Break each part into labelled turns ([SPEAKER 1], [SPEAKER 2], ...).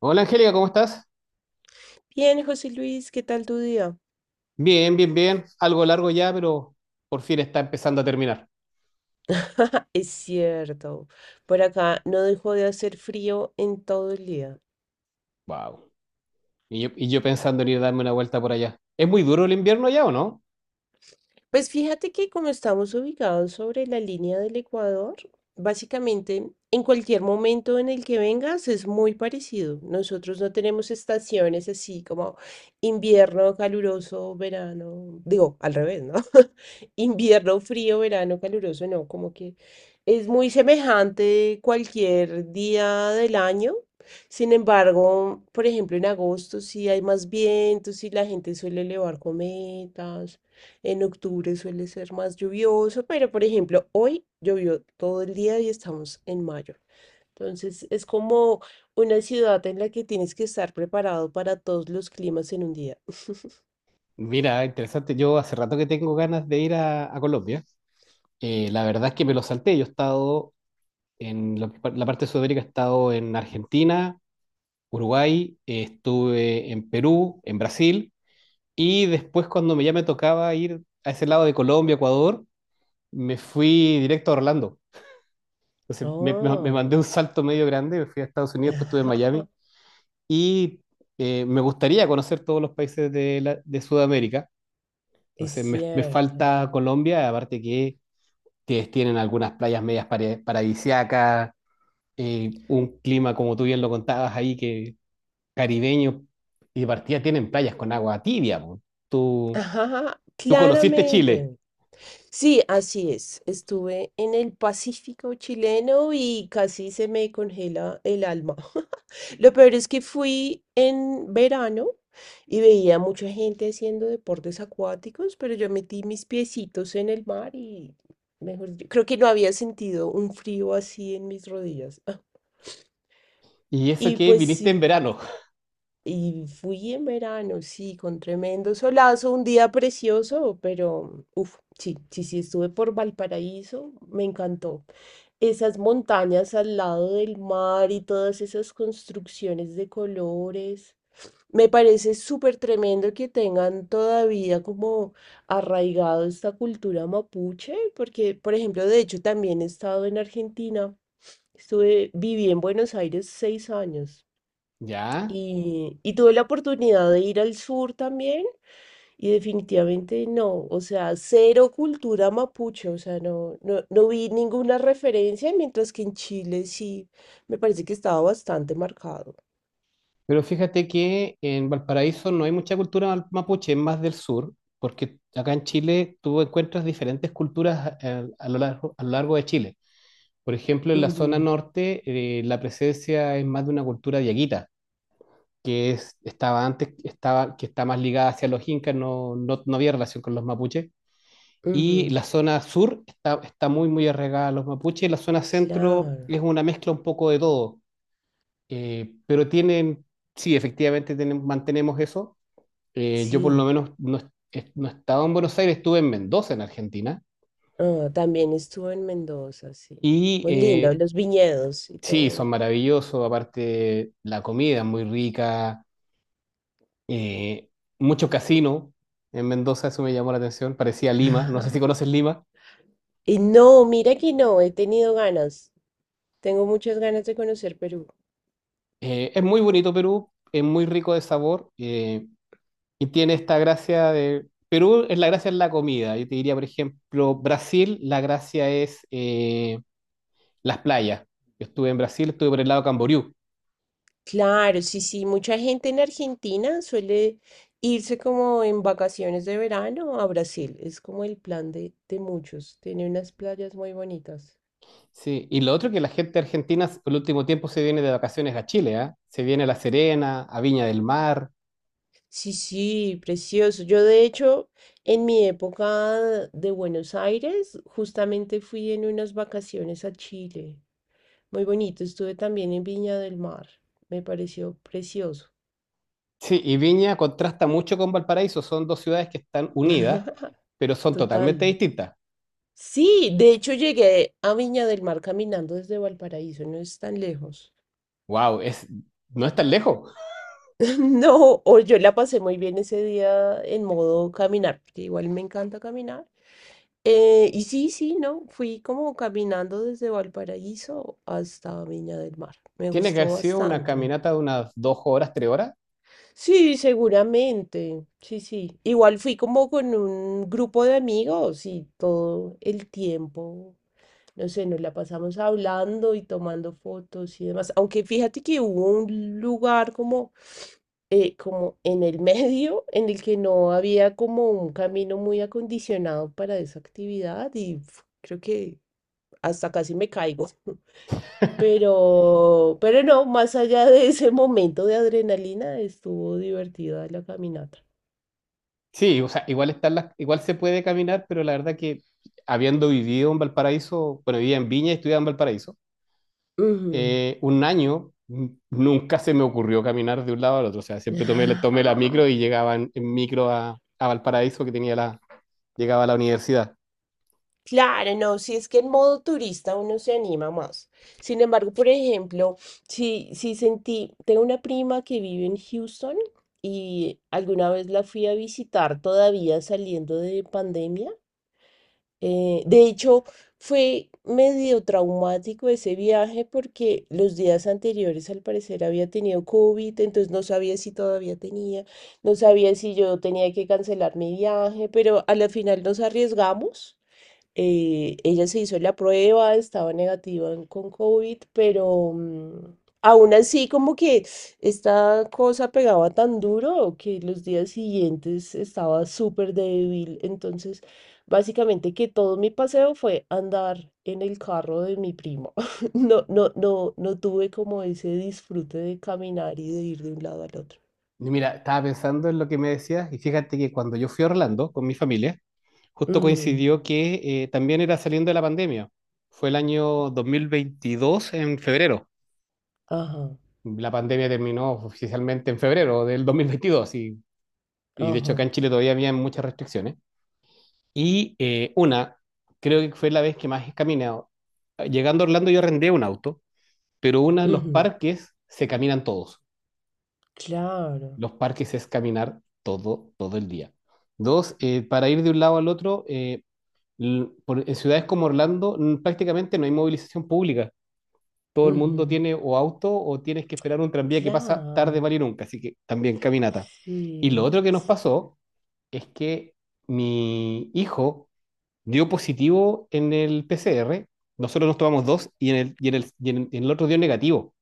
[SPEAKER 1] Hola Angélica, ¿cómo estás?
[SPEAKER 2] Bien, José Luis, ¿qué tal tu día?
[SPEAKER 1] Bien, bien, bien. Algo largo ya, pero por fin está empezando a terminar.
[SPEAKER 2] Es cierto, por acá no dejó de hacer frío en todo el día.
[SPEAKER 1] Wow. Y yo pensando en ir a darme una vuelta por allá. ¿Es muy duro el invierno ya o no?
[SPEAKER 2] Pues fíjate que como estamos ubicados sobre la línea del Ecuador, básicamente en cualquier momento en el que vengas es muy parecido. Nosotros no tenemos estaciones así como invierno caluroso, verano, digo, al revés, ¿no? Invierno frío, verano caluroso, no, como que es muy semejante cualquier día del año. Sin embargo, por ejemplo, en agosto sí hay más vientos y la gente suele elevar cometas. En octubre suele ser más lluvioso, pero por ejemplo, hoy llovió todo el día y estamos en mayo. Entonces es como una ciudad en la que tienes que estar preparado para todos los climas en un día.
[SPEAKER 1] Mira, interesante. Yo hace rato que tengo ganas de ir a Colombia. La verdad es que me lo salté. Yo he estado en la parte de Sudamérica. He estado en Argentina, Uruguay, estuve en Perú, en Brasil. Y después, cuando ya me tocaba ir a ese lado de Colombia, Ecuador, me fui directo a Orlando. Entonces me mandé
[SPEAKER 2] Oh.
[SPEAKER 1] un salto medio grande, fui a Estados Unidos, después estuve en Miami y me gustaría conocer todos los países de Sudamérica.
[SPEAKER 2] Es
[SPEAKER 1] Entonces me
[SPEAKER 2] cierto.
[SPEAKER 1] falta Colombia, aparte que ustedes tienen algunas playas medias paradisíacas, un clima como tú bien lo contabas ahí, que caribeño, y de partida tienen playas con agua tibia po. Tú,
[SPEAKER 2] Ajá,
[SPEAKER 1] tú conociste Chile
[SPEAKER 2] claramente. Sí, así es. Estuve en el Pacífico chileno y casi se me congela el alma. Lo peor es que fui en verano y veía mucha gente haciendo deportes acuáticos, pero yo metí mis piecitos en el mar y, mejor dicho, creo que no había sentido un frío así en mis rodillas.
[SPEAKER 1] y eso
[SPEAKER 2] Y
[SPEAKER 1] que
[SPEAKER 2] pues
[SPEAKER 1] viniste en
[SPEAKER 2] sí.
[SPEAKER 1] verano.
[SPEAKER 2] Y fui en verano, sí, con tremendo solazo, un día precioso, pero uff, sí, sí, sí, estuve por Valparaíso, me encantó. Esas montañas al lado del mar y todas esas construcciones de colores. Me parece súper tremendo que tengan todavía como arraigado esta cultura mapuche, porque, por ejemplo, de hecho también he estado en Argentina. Estuve, viví en Buenos Aires 6 años.
[SPEAKER 1] ¿Ya?
[SPEAKER 2] Y tuve la oportunidad de ir al sur también y definitivamente no, o sea, cero cultura mapuche, o sea, no, no, no vi ninguna referencia, mientras que en Chile sí me parece que estaba bastante marcado.
[SPEAKER 1] Pero fíjate que en Valparaíso no hay mucha cultura mapuche, es más del sur, porque acá en Chile tú encuentras diferentes culturas a lo largo de Chile. Por ejemplo, en la zona
[SPEAKER 2] Ujú,
[SPEAKER 1] norte la presencia es más de una cultura diaguita, que es, estaba antes, que está más ligada hacia los incas, no, no, no había relación con los mapuches. Y
[SPEAKER 2] ujú,
[SPEAKER 1] la zona sur está muy, muy arraigada a los mapuches, y la zona centro
[SPEAKER 2] claro,
[SPEAKER 1] es una mezcla un poco de todo. Pero tienen, sí, efectivamente mantenemos eso. Yo por lo
[SPEAKER 2] sí.
[SPEAKER 1] menos no, no estaba en Buenos Aires, estuve en Mendoza, en Argentina.
[SPEAKER 2] Ah, también estuve en Mendoza, sí.
[SPEAKER 1] Y
[SPEAKER 2] Muy lindo, los viñedos y
[SPEAKER 1] sí, son
[SPEAKER 2] todo.
[SPEAKER 1] maravillosos, aparte la comida es muy rica, eh, mucho casino en Mendoza, eso me llamó la atención, parecía Lima, no sé si conoces Lima.
[SPEAKER 2] Y no, mira que no, he tenido ganas, tengo muchas ganas de conocer Perú.
[SPEAKER 1] Es muy bonito Perú, es muy rico de sabor, y tiene esta gracia de Perú. Es la gracia, es la comida, yo te diría. Por ejemplo, Brasil, la gracia es, las playas. Yo estuve en Brasil, estuve por el lado de Camboriú.
[SPEAKER 2] Claro, sí, sí, mucha gente en Argentina suele irse como en vacaciones de verano a Brasil. Es como el plan de muchos. Tiene unas playas muy bonitas.
[SPEAKER 1] Sí, y lo otro que la gente argentina el último tiempo se viene de vacaciones a Chile, ¿ah? Se viene a La Serena, a Viña del Mar.
[SPEAKER 2] Sí, sí, precioso. Yo de hecho, en mi época de Buenos Aires, justamente fui en unas vacaciones a Chile. Muy bonito. Estuve también en Viña del Mar. Me pareció precioso.
[SPEAKER 1] Sí, y Viña contrasta mucho con Valparaíso, son dos ciudades que están unidas, pero son
[SPEAKER 2] Total.
[SPEAKER 1] totalmente distintas.
[SPEAKER 2] Sí, de hecho llegué a Viña del Mar caminando desde Valparaíso, no es tan lejos.
[SPEAKER 1] Wow, no es tan lejos.
[SPEAKER 2] No, o yo la pasé muy bien ese día en modo caminar, porque igual me encanta caminar. Y sí, sí, no, fui como caminando desde Valparaíso hasta Viña del Mar. Me
[SPEAKER 1] Tiene que haber
[SPEAKER 2] gustó
[SPEAKER 1] sido una
[SPEAKER 2] bastante.
[SPEAKER 1] caminata de unas 2 horas, 3 horas.
[SPEAKER 2] Sí, seguramente. Sí, sí. Igual fui como con un grupo de amigos y todo el tiempo no sé, nos la pasamos hablando y tomando fotos y demás. Aunque fíjate que hubo un lugar como, como en el medio en el que no había como un camino muy acondicionado para esa actividad y pf, creo que hasta casi me caigo. Pero no, más allá de ese momento de adrenalina, estuvo divertida la caminata.
[SPEAKER 1] Sí, o sea, igual están las, igual se puede caminar, pero la verdad que habiendo vivido en Valparaíso, bueno, vivía en Viña y estudiaba en Valparaíso,
[SPEAKER 2] Ujú.
[SPEAKER 1] un año nunca se me ocurrió caminar de un lado al otro. O sea, siempre tomé la micro y llegaba en micro a Valparaíso, que tenía la, llegaba a la universidad.
[SPEAKER 2] Claro, no, si es que en modo turista uno se anima más. Sin embargo, por ejemplo, si, si sentí, tengo una prima que vive en Houston y alguna vez la fui a visitar todavía saliendo de pandemia. De hecho, fue medio traumático ese viaje porque los días anteriores al parecer había tenido COVID, entonces no sabía si todavía tenía, no sabía si yo tenía que cancelar mi viaje, pero a la final nos arriesgamos ella se hizo la prueba, estaba negativa con COVID, pero aún así como que esta cosa pegaba tan duro que los días siguientes estaba súper débil. Entonces, básicamente que todo mi paseo fue andar en el carro de mi primo. No, no, no, no tuve como ese disfrute de caminar y de ir de un lado al otro.
[SPEAKER 1] Y mira, estaba pensando en lo que me decías y fíjate que cuando yo fui a Orlando con mi familia, justo
[SPEAKER 2] Ujú,
[SPEAKER 1] coincidió que, también era saliendo de la pandemia. Fue el año 2022 en febrero.
[SPEAKER 2] ajá,
[SPEAKER 1] La pandemia terminó oficialmente en febrero del 2022, y de hecho
[SPEAKER 2] ajá,
[SPEAKER 1] acá en Chile todavía había muchas restricciones. Y una, creo que fue la vez que más he caminado. Ah, llegando a Orlando yo arrendé un auto, pero una, los
[SPEAKER 2] ujú,
[SPEAKER 1] parques se caminan todos.
[SPEAKER 2] claro,
[SPEAKER 1] Los parques es caminar todo, todo el día. Dos, para ir de un lado al otro, en ciudades como Orlando prácticamente no hay movilización pública. Todo el mundo
[SPEAKER 2] ujú,
[SPEAKER 1] tiene o auto o tienes que esperar un tranvía que pasa tarde,
[SPEAKER 2] claro.
[SPEAKER 1] vale y nunca. Así que también caminata. Y lo
[SPEAKER 2] Sí.
[SPEAKER 1] otro que nos pasó es que mi hijo dio positivo en el PCR. Nosotros nos tomamos dos en el otro dio negativo.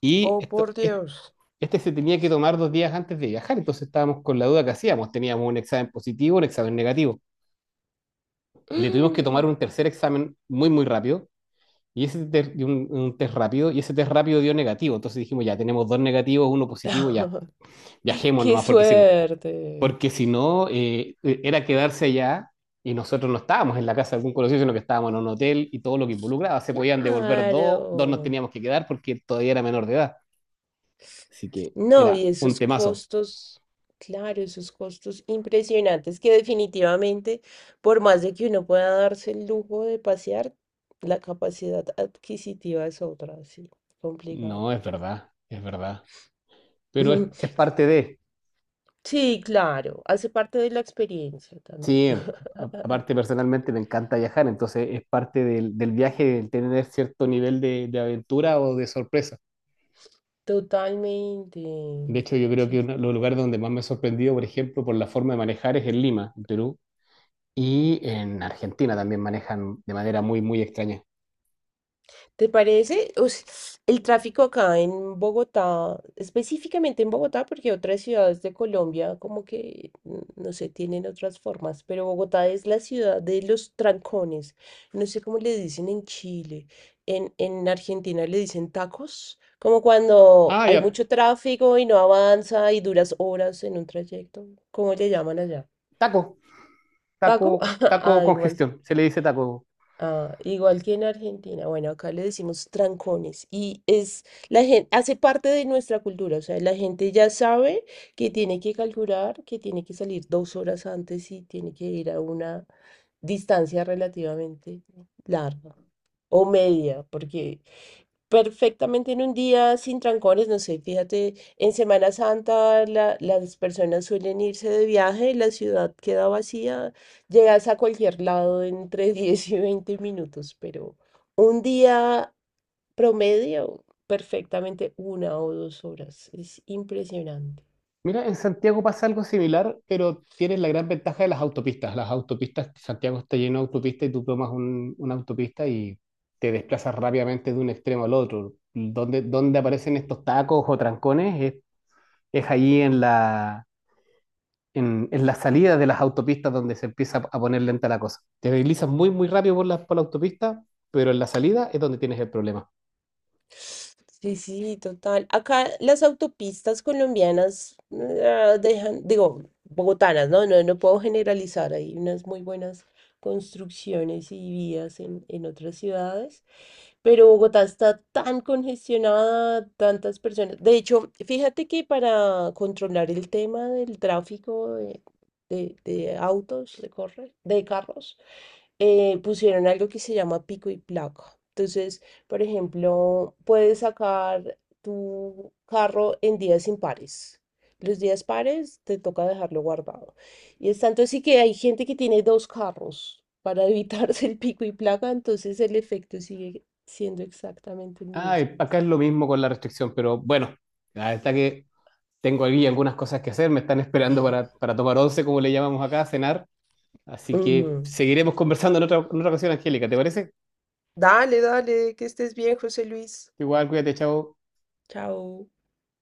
[SPEAKER 1] Y
[SPEAKER 2] Oh,
[SPEAKER 1] esto,
[SPEAKER 2] por
[SPEAKER 1] es-
[SPEAKER 2] Dios.
[SPEAKER 1] este se tenía que tomar 2 días antes de viajar, entonces estábamos con la duda que hacíamos. Teníamos un examen positivo, un examen negativo. Le tuvimos que tomar
[SPEAKER 2] Mm.
[SPEAKER 1] un tercer examen muy, muy rápido, y y un test rápido, y ese test rápido dio negativo. Entonces dijimos, ya tenemos dos negativos, uno positivo, ya viajemos
[SPEAKER 2] ¡Qué
[SPEAKER 1] nomás, porque si no,
[SPEAKER 2] suerte!
[SPEAKER 1] porque si no, era quedarse allá, y nosotros no estábamos en la casa de algún conocido, sino que estábamos en un hotel y todo lo que involucraba. Se podían devolver dos, dos nos
[SPEAKER 2] Claro.
[SPEAKER 1] teníamos que quedar porque todavía era menor de edad. Así que
[SPEAKER 2] No, y
[SPEAKER 1] era un
[SPEAKER 2] esos
[SPEAKER 1] temazo.
[SPEAKER 2] costos, claro, esos costos impresionantes que definitivamente, por más de que uno pueda darse el lujo de pasear, la capacidad adquisitiva es otra, sí, complicado.
[SPEAKER 1] No, es verdad, es verdad. Pero es parte de,
[SPEAKER 2] Sí, claro, hace parte de la experiencia también.
[SPEAKER 1] sí, aparte personalmente me encanta viajar, entonces es parte del, del viaje el tener cierto nivel de aventura o de sorpresa.
[SPEAKER 2] Totalmente.
[SPEAKER 1] De hecho, yo creo
[SPEAKER 2] Sí,
[SPEAKER 1] que uno de los lugares donde más me he sorprendido, por ejemplo, por la forma de manejar es en Lima, en Perú. Y en Argentina también manejan de manera muy, muy extraña.
[SPEAKER 2] ¿te parece? El tráfico acá en Bogotá, específicamente en Bogotá, porque otras ciudades de Colombia como que, mm, no sé, tienen otras formas, pero Bogotá es la ciudad de los trancones. No sé cómo le dicen en Chile. En Argentina le dicen tacos, como cuando
[SPEAKER 1] Ah,
[SPEAKER 2] hay
[SPEAKER 1] ya.
[SPEAKER 2] mucho tráfico y no avanza y duras horas en un trayecto. ¿Cómo le llaman allá?
[SPEAKER 1] Taco,
[SPEAKER 2] ¿Taco?
[SPEAKER 1] taco, taco
[SPEAKER 2] Ah, igual.
[SPEAKER 1] congestión, se le dice taco.
[SPEAKER 2] Ah, igual que en Argentina, bueno, acá le decimos trancones y es la gente hace parte de nuestra cultura, o sea, la gente ya sabe que tiene que calcular, que tiene que salir 2 horas antes y tiene que ir a una distancia relativamente larga o media, porque perfectamente en un día sin trancones, no sé, fíjate, en Semana Santa las personas suelen irse de viaje, la ciudad queda vacía, llegas a cualquier lado entre 10 y 20 minutos, pero un día promedio, perfectamente 1 o 2 horas, es impresionante.
[SPEAKER 1] Mira, en Santiago pasa algo similar, pero tienes la gran ventaja de las autopistas. Las autopistas, Santiago está lleno de autopistas y tú tomas una autopista y te desplazas rápidamente de un extremo al otro. Donde aparecen estos tacos o trancones es ahí en la, en la salida de las autopistas donde se empieza a poner lenta la cosa. Te deslizas muy, muy rápido por la autopista, pero en la salida es donde tienes el problema.
[SPEAKER 2] Sí, sí, total. Acá las autopistas colombianas ah, dejan, digo, bogotanas, ¿no? No, no puedo generalizar. Hay unas muy buenas construcciones y vías en otras ciudades, pero Bogotá está tan congestionada, tantas personas. De hecho, fíjate que para controlar el tema del tráfico de autos, de carros, pusieron algo que se llama pico y placa. Entonces, por ejemplo, puedes sacar tu carro en días impares. Los días pares te toca dejarlo guardado. Y es tanto así que hay gente que tiene dos carros para evitarse el pico y placa, entonces el efecto sigue siendo exactamente el
[SPEAKER 1] Ah, y
[SPEAKER 2] mismo.
[SPEAKER 1] acá es lo mismo con la restricción, pero bueno, la verdad que tengo aquí algunas cosas que hacer, me están esperando para tomar once, como le llamamos acá, a cenar, así
[SPEAKER 2] Ujú.
[SPEAKER 1] que seguiremos conversando en otra ocasión, Angélica, ¿te parece?
[SPEAKER 2] Dale, dale, que estés bien, José Luis.
[SPEAKER 1] Igual, cuídate, chao.
[SPEAKER 2] Chao.